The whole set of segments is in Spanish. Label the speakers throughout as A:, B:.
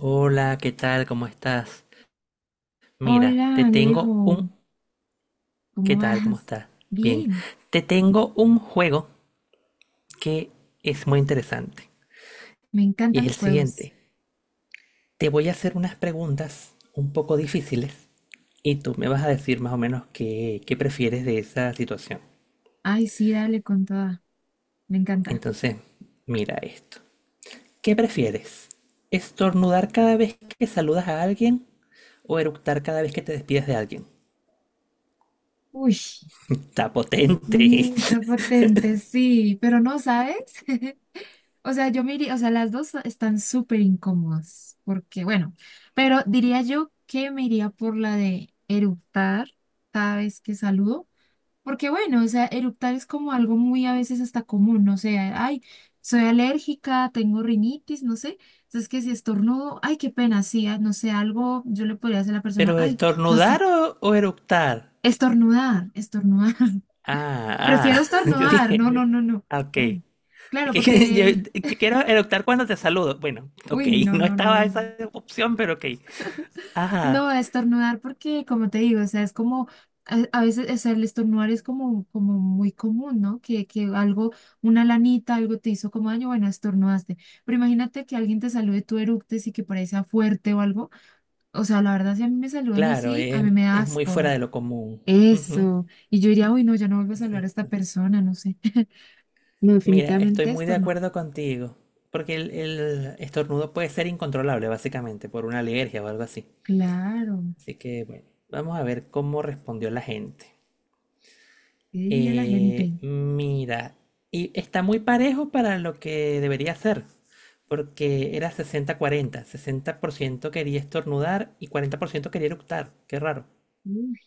A: Hola, ¿qué tal? ¿Cómo estás? Mira,
B: Hola, Alejo,
A: ¿Qué
B: ¿cómo
A: tal? ¿Cómo
B: vas?
A: estás? Bien.
B: Bien,
A: Te tengo un juego que es muy interesante.
B: me
A: Y
B: encantan
A: es el
B: los juegos.
A: siguiente. Te voy a hacer unas preguntas un poco difíciles y tú me vas a decir más o menos qué prefieres de esa situación.
B: Ay, sí, dale con toda, me encanta.
A: Entonces, mira esto. ¿Qué prefieres? ¿Estornudar cada vez que saludas a alguien o eructar cada vez que te despides de alguien?
B: Uy,
A: Está potente.
B: qué potente, sí, pero no, ¿sabes? O sea, yo me iría, o sea, las dos están súper incómodas, porque bueno, pero diría yo que me iría por la de eructar cada vez que saludo. Porque bueno, o sea, eructar es como algo muy a veces hasta común, no sé, ay, soy alérgica, tengo rinitis, no sé. Entonces que si estornudo, ay, qué pena, sí, ah, no sé, algo yo le podría decir a la persona,
A: ¿Pero
B: ay, no
A: estornudar
B: sé,
A: o eructar?
B: estornudar, estornudar.
A: Ah,
B: Prefiero
A: ah, yo
B: estornudar,
A: dije,
B: no, no, no, no.
A: ah, ok.
B: Uy, claro,
A: Que Yo,
B: porque,
A: yo quiero eructar cuando te saludo. Bueno, ok,
B: uy, no,
A: no
B: no,
A: estaba
B: no, no.
A: esa opción, pero ok. Ah,
B: No, estornudar porque, como te digo, o sea, es como, a veces, o sea, el estornudar es como muy común, ¿no? Que algo, una lanita, algo te hizo como daño, bueno, estornudaste. Pero imagínate que alguien te salude, tú eructes y que por ahí sea fuerte o algo. O sea, la verdad, si a mí me saludan
A: claro,
B: así, a
A: es,
B: mí me da
A: es muy fuera
B: asco.
A: de lo común. Ujú,
B: Eso. Y yo diría, uy, no, ya no vuelvo a saludar a esta
A: exacto.
B: persona, no sé. No,
A: Mira, estoy
B: definitivamente
A: muy de
B: estornudar.
A: acuerdo contigo, porque el estornudo puede ser incontrolable, básicamente, por una alergia o algo así.
B: Claro,
A: Así que, bueno, vamos a ver cómo respondió la gente.
B: ¿qué diría la gente?
A: Mira, y está muy parejo para lo que debería ser, porque era 60-40, 60% quería estornudar y 40% quería eructar, qué raro,
B: Uy,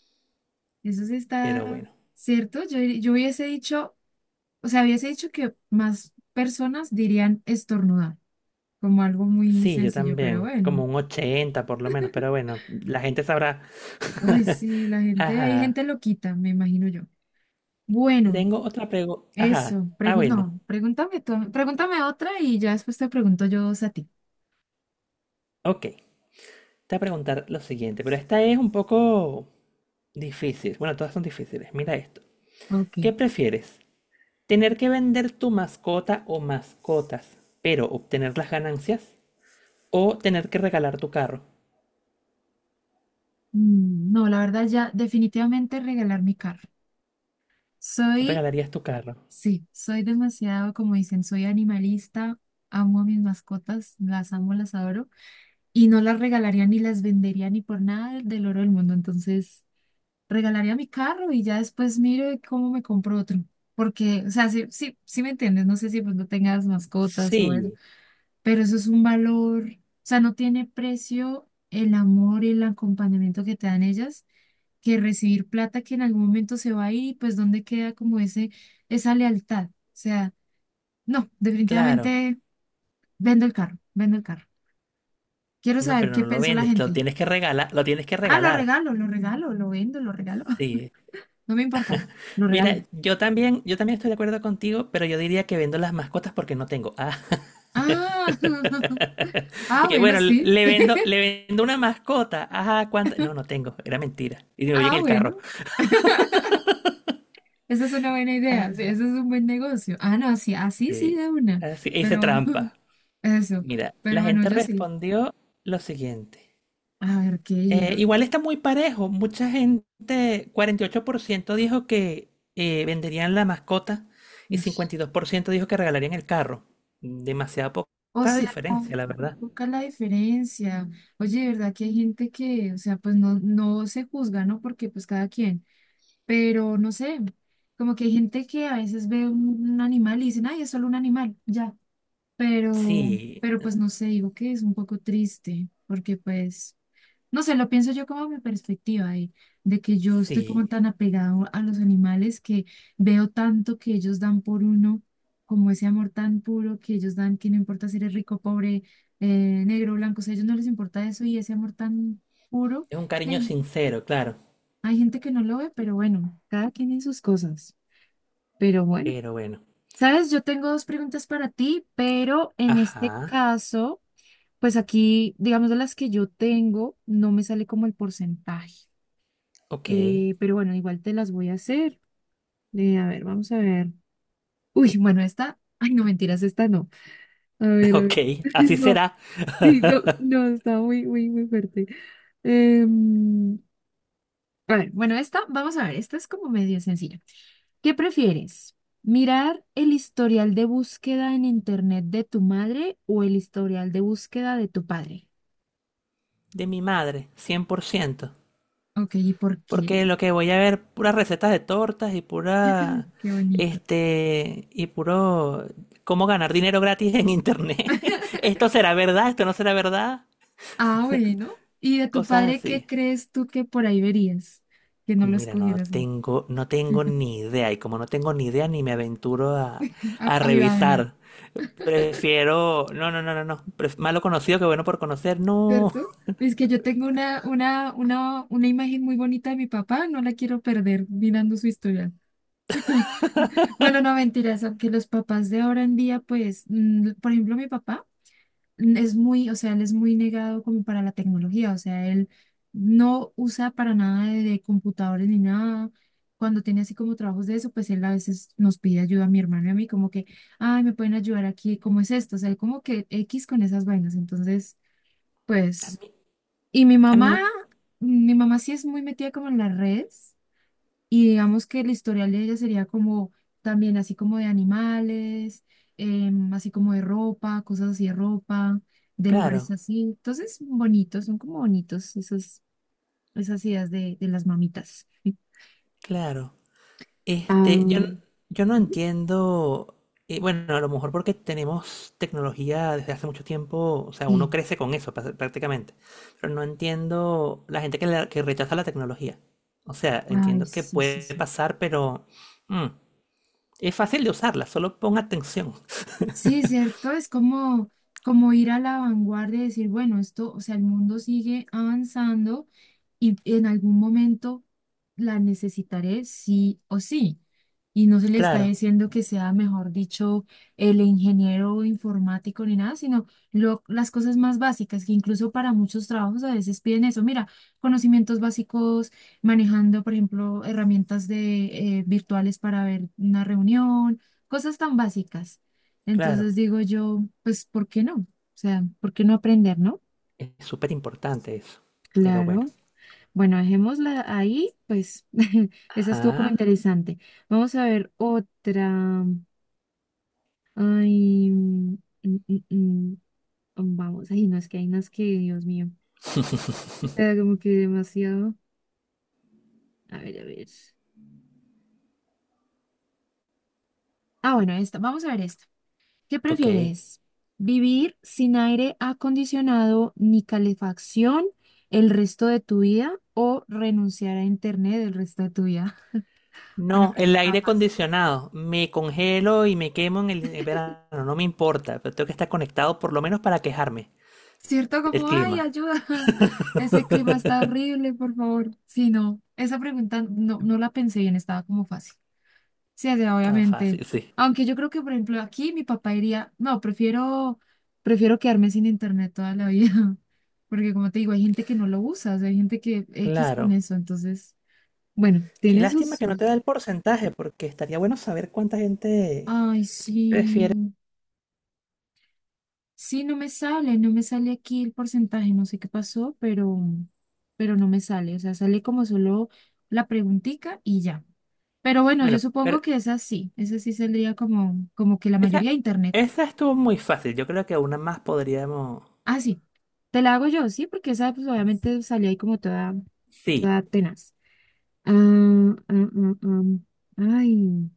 B: eso sí
A: pero
B: está.
A: bueno.
B: ¿Cierto? Yo hubiese dicho O sea, hubiese dicho que más personas dirían estornudar, como algo muy
A: Sí, yo
B: sencillo, pero
A: también,
B: bueno.
A: como un 80 por lo menos, pero bueno, la gente sabrá.
B: Uy, sí, la gente, hay
A: Ajá.
B: gente loquita, me imagino yo.
A: Te
B: Bueno,
A: Tengo otra pregunta. Ajá.
B: eso,
A: Ah, bueno.
B: no, pregúntame otra y ya después te pregunto yo dos a ti.
A: Ok. Te voy a preguntar lo siguiente, pero esta es un poco difícil. Bueno, todas son difíciles. Mira esto.
B: Ok.
A: ¿Qué prefieres? Tener que vender tu mascota o mascotas, pero obtener las ganancias. O tener que regalar tu carro.
B: No, la verdad ya definitivamente regalar mi carro. Soy,
A: ¿Regalarías tu carro?
B: sí, soy demasiado, como dicen, soy animalista, amo a mis mascotas, las amo, las adoro. Y no las regalaría ni las vendería ni por nada del oro del mundo. Entonces, regalaría mi carro y ya después miro de cómo me compro otro. Porque, o sea, sí, sí, sí me entiendes, no sé si pues no tengas mascotas o eso,
A: Sí,
B: pero eso es un valor, o sea, no tiene precio el amor y el acompañamiento que te dan ellas, que recibir plata que en algún momento se va a ir pues dónde queda como esa lealtad. O sea, no,
A: claro.
B: definitivamente vendo el carro, vendo el carro. Quiero
A: No,
B: saber
A: pero
B: qué
A: no lo
B: pensó la
A: vendes, lo
B: gente.
A: tienes que regalar, lo tienes que
B: Ah, lo
A: regalar.
B: regalo, lo regalo, lo vendo, lo regalo.
A: Sí.
B: No me importa, lo
A: Mira,
B: regalo.
A: yo también estoy de acuerdo contigo, pero yo diría que vendo las mascotas porque no tengo. Ah,
B: Ah,
A: y
B: ah,
A: que
B: bueno,
A: bueno,
B: sí.
A: le vendo una mascota. Ajá, ¿cuánto? No, no tengo, era mentira. Y digo, voy en
B: Ah,
A: el carro.
B: bueno, esa es una buena idea. Sí, ese
A: Ah,
B: es un buen negocio. Ah, no, sí, así sí, sí,
A: sí.
B: de una.
A: Así, hice
B: Pero
A: trampa.
B: eso,
A: Mira, la
B: pero bueno,
A: gente
B: yo sí.
A: respondió lo siguiente.
B: A ver, ¿qué dijeron?
A: Igual está muy parejo. Mucha gente, 48% dijo que venderían la mascota y
B: Uy,
A: 52% dijo que regalarían el carro. Demasiada po-
B: o
A: poca
B: sea,
A: diferencia, la verdad.
B: poca la diferencia. Oye, de verdad que hay gente que, o sea, pues no, no se juzga, ¿no? Porque pues cada quien. Pero no sé, como que hay gente que a veces ve un animal y dicen, ay, es solo un animal, ya. Pero,
A: Sí,
B: pero pues no sé, digo que es un poco triste, porque pues, no sé, lo pienso yo como mi perspectiva de, que yo estoy como
A: sí.
B: tan apegado a los animales que veo tanto que ellos dan por uno, como ese amor tan puro que ellos dan, que no importa si eres rico, pobre, negro, blanco, o sea, a ellos no les importa eso y ese amor tan puro
A: Es un
B: que
A: cariño
B: hay,
A: sincero, claro.
B: hay gente que no lo ve, pero bueno, cada quien en sus cosas. Pero bueno,
A: Pero bueno.
B: sabes, yo tengo dos preguntas para ti, pero en este
A: Ajá,
B: caso, pues aquí, digamos, de las que yo tengo, no me sale como el porcentaje.
A: ok.
B: Eh, pero bueno, igual te las voy a hacer. A ver, vamos a ver. Uy, bueno, esta, ay, no, mentiras, esta no. A ver, a
A: Ok,
B: ver.
A: así
B: No,
A: será.
B: sí, no, no, está muy, muy, muy fuerte. Em, a ver, bueno, esta, vamos a ver, esta es como medio sencilla. ¿Qué prefieres? ¿Mirar el historial de búsqueda en internet de tu madre o el historial de búsqueda de tu padre?
A: De mi madre, 100%.
B: Ok, ¿y por qué?
A: Porque lo que voy a ver, puras recetas de tortas y pura,
B: Qué bonito.
A: y puro, cómo ganar dinero gratis en internet. Esto será verdad, esto no será verdad,
B: Ah, bueno. ¿Y de tu
A: cosas
B: padre qué
A: así.
B: crees tú que por ahí verías? Que no lo
A: Mira, no
B: escogieras.
A: tengo, no tengo ni idea y como no tengo ni idea ni me aventuro a,
B: Ah,
A: a
B: ahí va una,
A: revisar. Prefiero, no, no, no, no, no, malo conocido que bueno por conocer. No,
B: ¿cierto? Es que yo tengo una imagen muy bonita de mi papá, no la quiero perder mirando su historial. Bueno, no mentiras, aunque los papás de ahora en día, pues, por ejemplo, mi papá. Es muy, o sea, él es muy negado como para la tecnología, o sea, él no usa para nada de, computadores ni nada. Cuando tiene así como trabajos de eso, pues él a veces nos pide ayuda a mi hermano y a mí, como que, ay, me pueden ayudar aquí, ¿cómo es esto? O sea, él como que X con esas vainas. Entonces,
A: a
B: pues,
A: mí,
B: y mi
A: a
B: mamá,
A: mí,
B: mi mamá sí es muy metida como en las redes. Y digamos que el historial de ella sería como también así como de animales, así como de ropa, cosas así de ropa, de lugares
A: claro,
B: así. Entonces, bonitos, son como bonitos esas ideas de, las mamitas.
A: claro. Este, yo,
B: Ah,
A: n- yo no entiendo, bueno, a lo mejor porque tenemos tecnología desde hace mucho tiempo, o sea, uno
B: sí,
A: crece con eso prácticamente, pero no entiendo la gente que, que rechaza la tecnología. O sea,
B: ay,
A: entiendo que
B: sí, sí,
A: puede
B: sí.
A: pasar, pero mm, es fácil de usarla, solo pon atención.
B: Sí, cierto, es como ir a la vanguardia y decir, bueno, esto, o sea, el mundo sigue avanzando y en algún momento la necesitaré sí o sí. Y no se le está
A: Claro,
B: diciendo que sea, mejor dicho, el ingeniero informático ni nada, sino las cosas más básicas, que incluso para muchos trabajos a veces piden eso. Mira, conocimientos básicos, manejando, por ejemplo, herramientas de, virtuales para ver una reunión, cosas tan básicas.
A: claro,
B: Entonces digo yo, pues, ¿por qué no? O sea, ¿por qué no aprender, no?
A: es súper importante eso, pero bueno.
B: Claro. Bueno, dejémosla ahí, pues, esa estuvo como
A: Ah,
B: interesante. Vamos a ver otra. Ay, mm, mm, vamos, ay, no, es que hay unas que, Dios mío, o sea, como que demasiado. A ver, a ver. Ah, bueno, esta, vamos a ver esta. ¿Qué
A: ok.
B: prefieres? ¿Vivir sin aire acondicionado ni calefacción el resto de tu vida o renunciar a internet el resto de tu vida? Bueno,
A: No,
B: creo que
A: el
B: está
A: aire
B: fácil.
A: acondicionado. Me congelo y me quemo en el en verano. No me importa, pero tengo que estar conectado por lo menos para quejarme
B: ¿Cierto?
A: del
B: Como, ay,
A: clima.
B: ayuda, ese clima está horrible, por favor. Sí, no, esa pregunta no, no la pensé bien, estaba como fácil. Sí, o sea,
A: Estaba
B: obviamente.
A: fácil, sí.
B: Aunque yo creo que, por ejemplo, aquí mi papá diría, no, prefiero quedarme sin internet toda la vida. Porque como te digo, hay gente que no lo usa, o sea, hay gente que X con
A: Claro.
B: eso. Entonces, bueno,
A: Qué
B: tiene sus...
A: lástima que no
B: sus-
A: te da el porcentaje, porque estaría bueno saber cuánta gente
B: Ay,
A: prefiere.
B: sí. Sí, no me sale aquí el porcentaje, no sé qué pasó, pero no me sale. O sea, sale como solo la preguntica y ya. Pero bueno, yo
A: Bueno,
B: supongo
A: pero
B: que es así. Esa sí saldría como, que la
A: esa,
B: mayoría de internet.
A: esa estuvo muy fácil. Yo creo que una más podríamos.
B: Ah, sí, te la hago yo, sí, porque esa pues obviamente salí ahí como toda,
A: Sí,
B: toda tenaz. Ah, ah, ah, ah. Ay,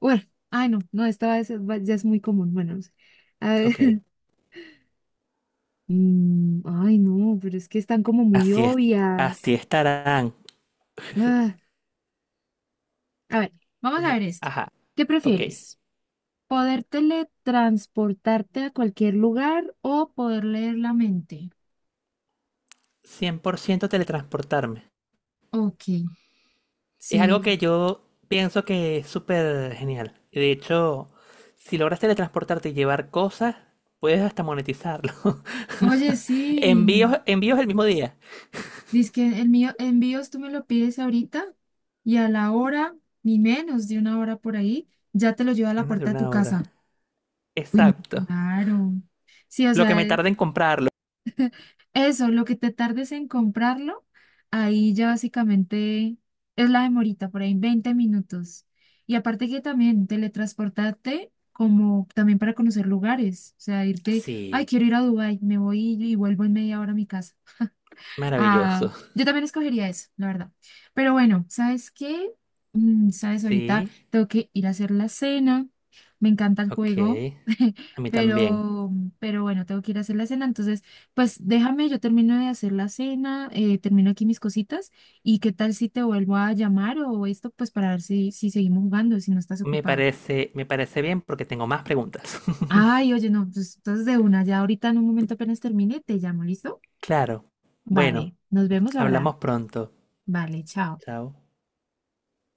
B: bueno, ay no, no, esta va. Ya es muy común, bueno, no sé. A ver,
A: ok.
B: ay no, pero es que están como muy
A: Así es. Así
B: obvias.
A: estarán.
B: Ah, a ver, vamos a ver esta.
A: Ajá.
B: ¿Qué
A: Ok.
B: prefieres? ¿Poder teletransportarte a cualquier lugar o poder leer la mente?
A: 100% teletransportarme.
B: Ok,
A: Es algo
B: sí.
A: que yo pienso que es súper genial. Y de hecho, si logras teletransportarte y llevar cosas, puedes hasta monetizarlo.
B: Oye,
A: Envíos,
B: sí.
A: envíos el mismo día.
B: Dice que el mío, envíos tú me lo pides ahorita y a la hora, ni menos de una hora por ahí, ya te lo lleva a la
A: Menos de
B: puerta de tu
A: una hora.
B: casa. Uy, no,
A: Exacto.
B: claro. Sí, o
A: Lo que
B: sea,
A: me tarda en comprarlo.
B: eso, lo que te tardes en comprarlo, ahí ya básicamente es la demorita, por ahí 20 minutos. Y aparte que también teletransportarte como también para conocer lugares, o sea, irte, ay,
A: Sí,
B: quiero ir a Dubái, me voy y vuelvo en media hora a mi casa. Ah,
A: maravilloso.
B: yo también escogería eso, la verdad. Pero bueno, ¿sabes qué? ¿Sabes? Ahorita
A: Sí,
B: tengo que ir a hacer la cena. Me encanta el juego,
A: ok. A mí también.
B: pero, pero bueno, tengo que ir a hacer la cena. Entonces, pues déjame, yo termino de hacer la cena, termino aquí mis cositas. ¿Y qué tal si te vuelvo a llamar o esto, pues para ver si seguimos jugando, si no estás
A: Me
B: ocupado?
A: parece, me parece bien porque tengo más preguntas.
B: Ay, oye, no, pues entonces de una, ya ahorita en un momento apenas termine, te llamo, ¿listo?
A: Claro. Bueno,
B: Vale, nos vemos ahora.
A: hablamos pronto.
B: Vale, chao.
A: Chao.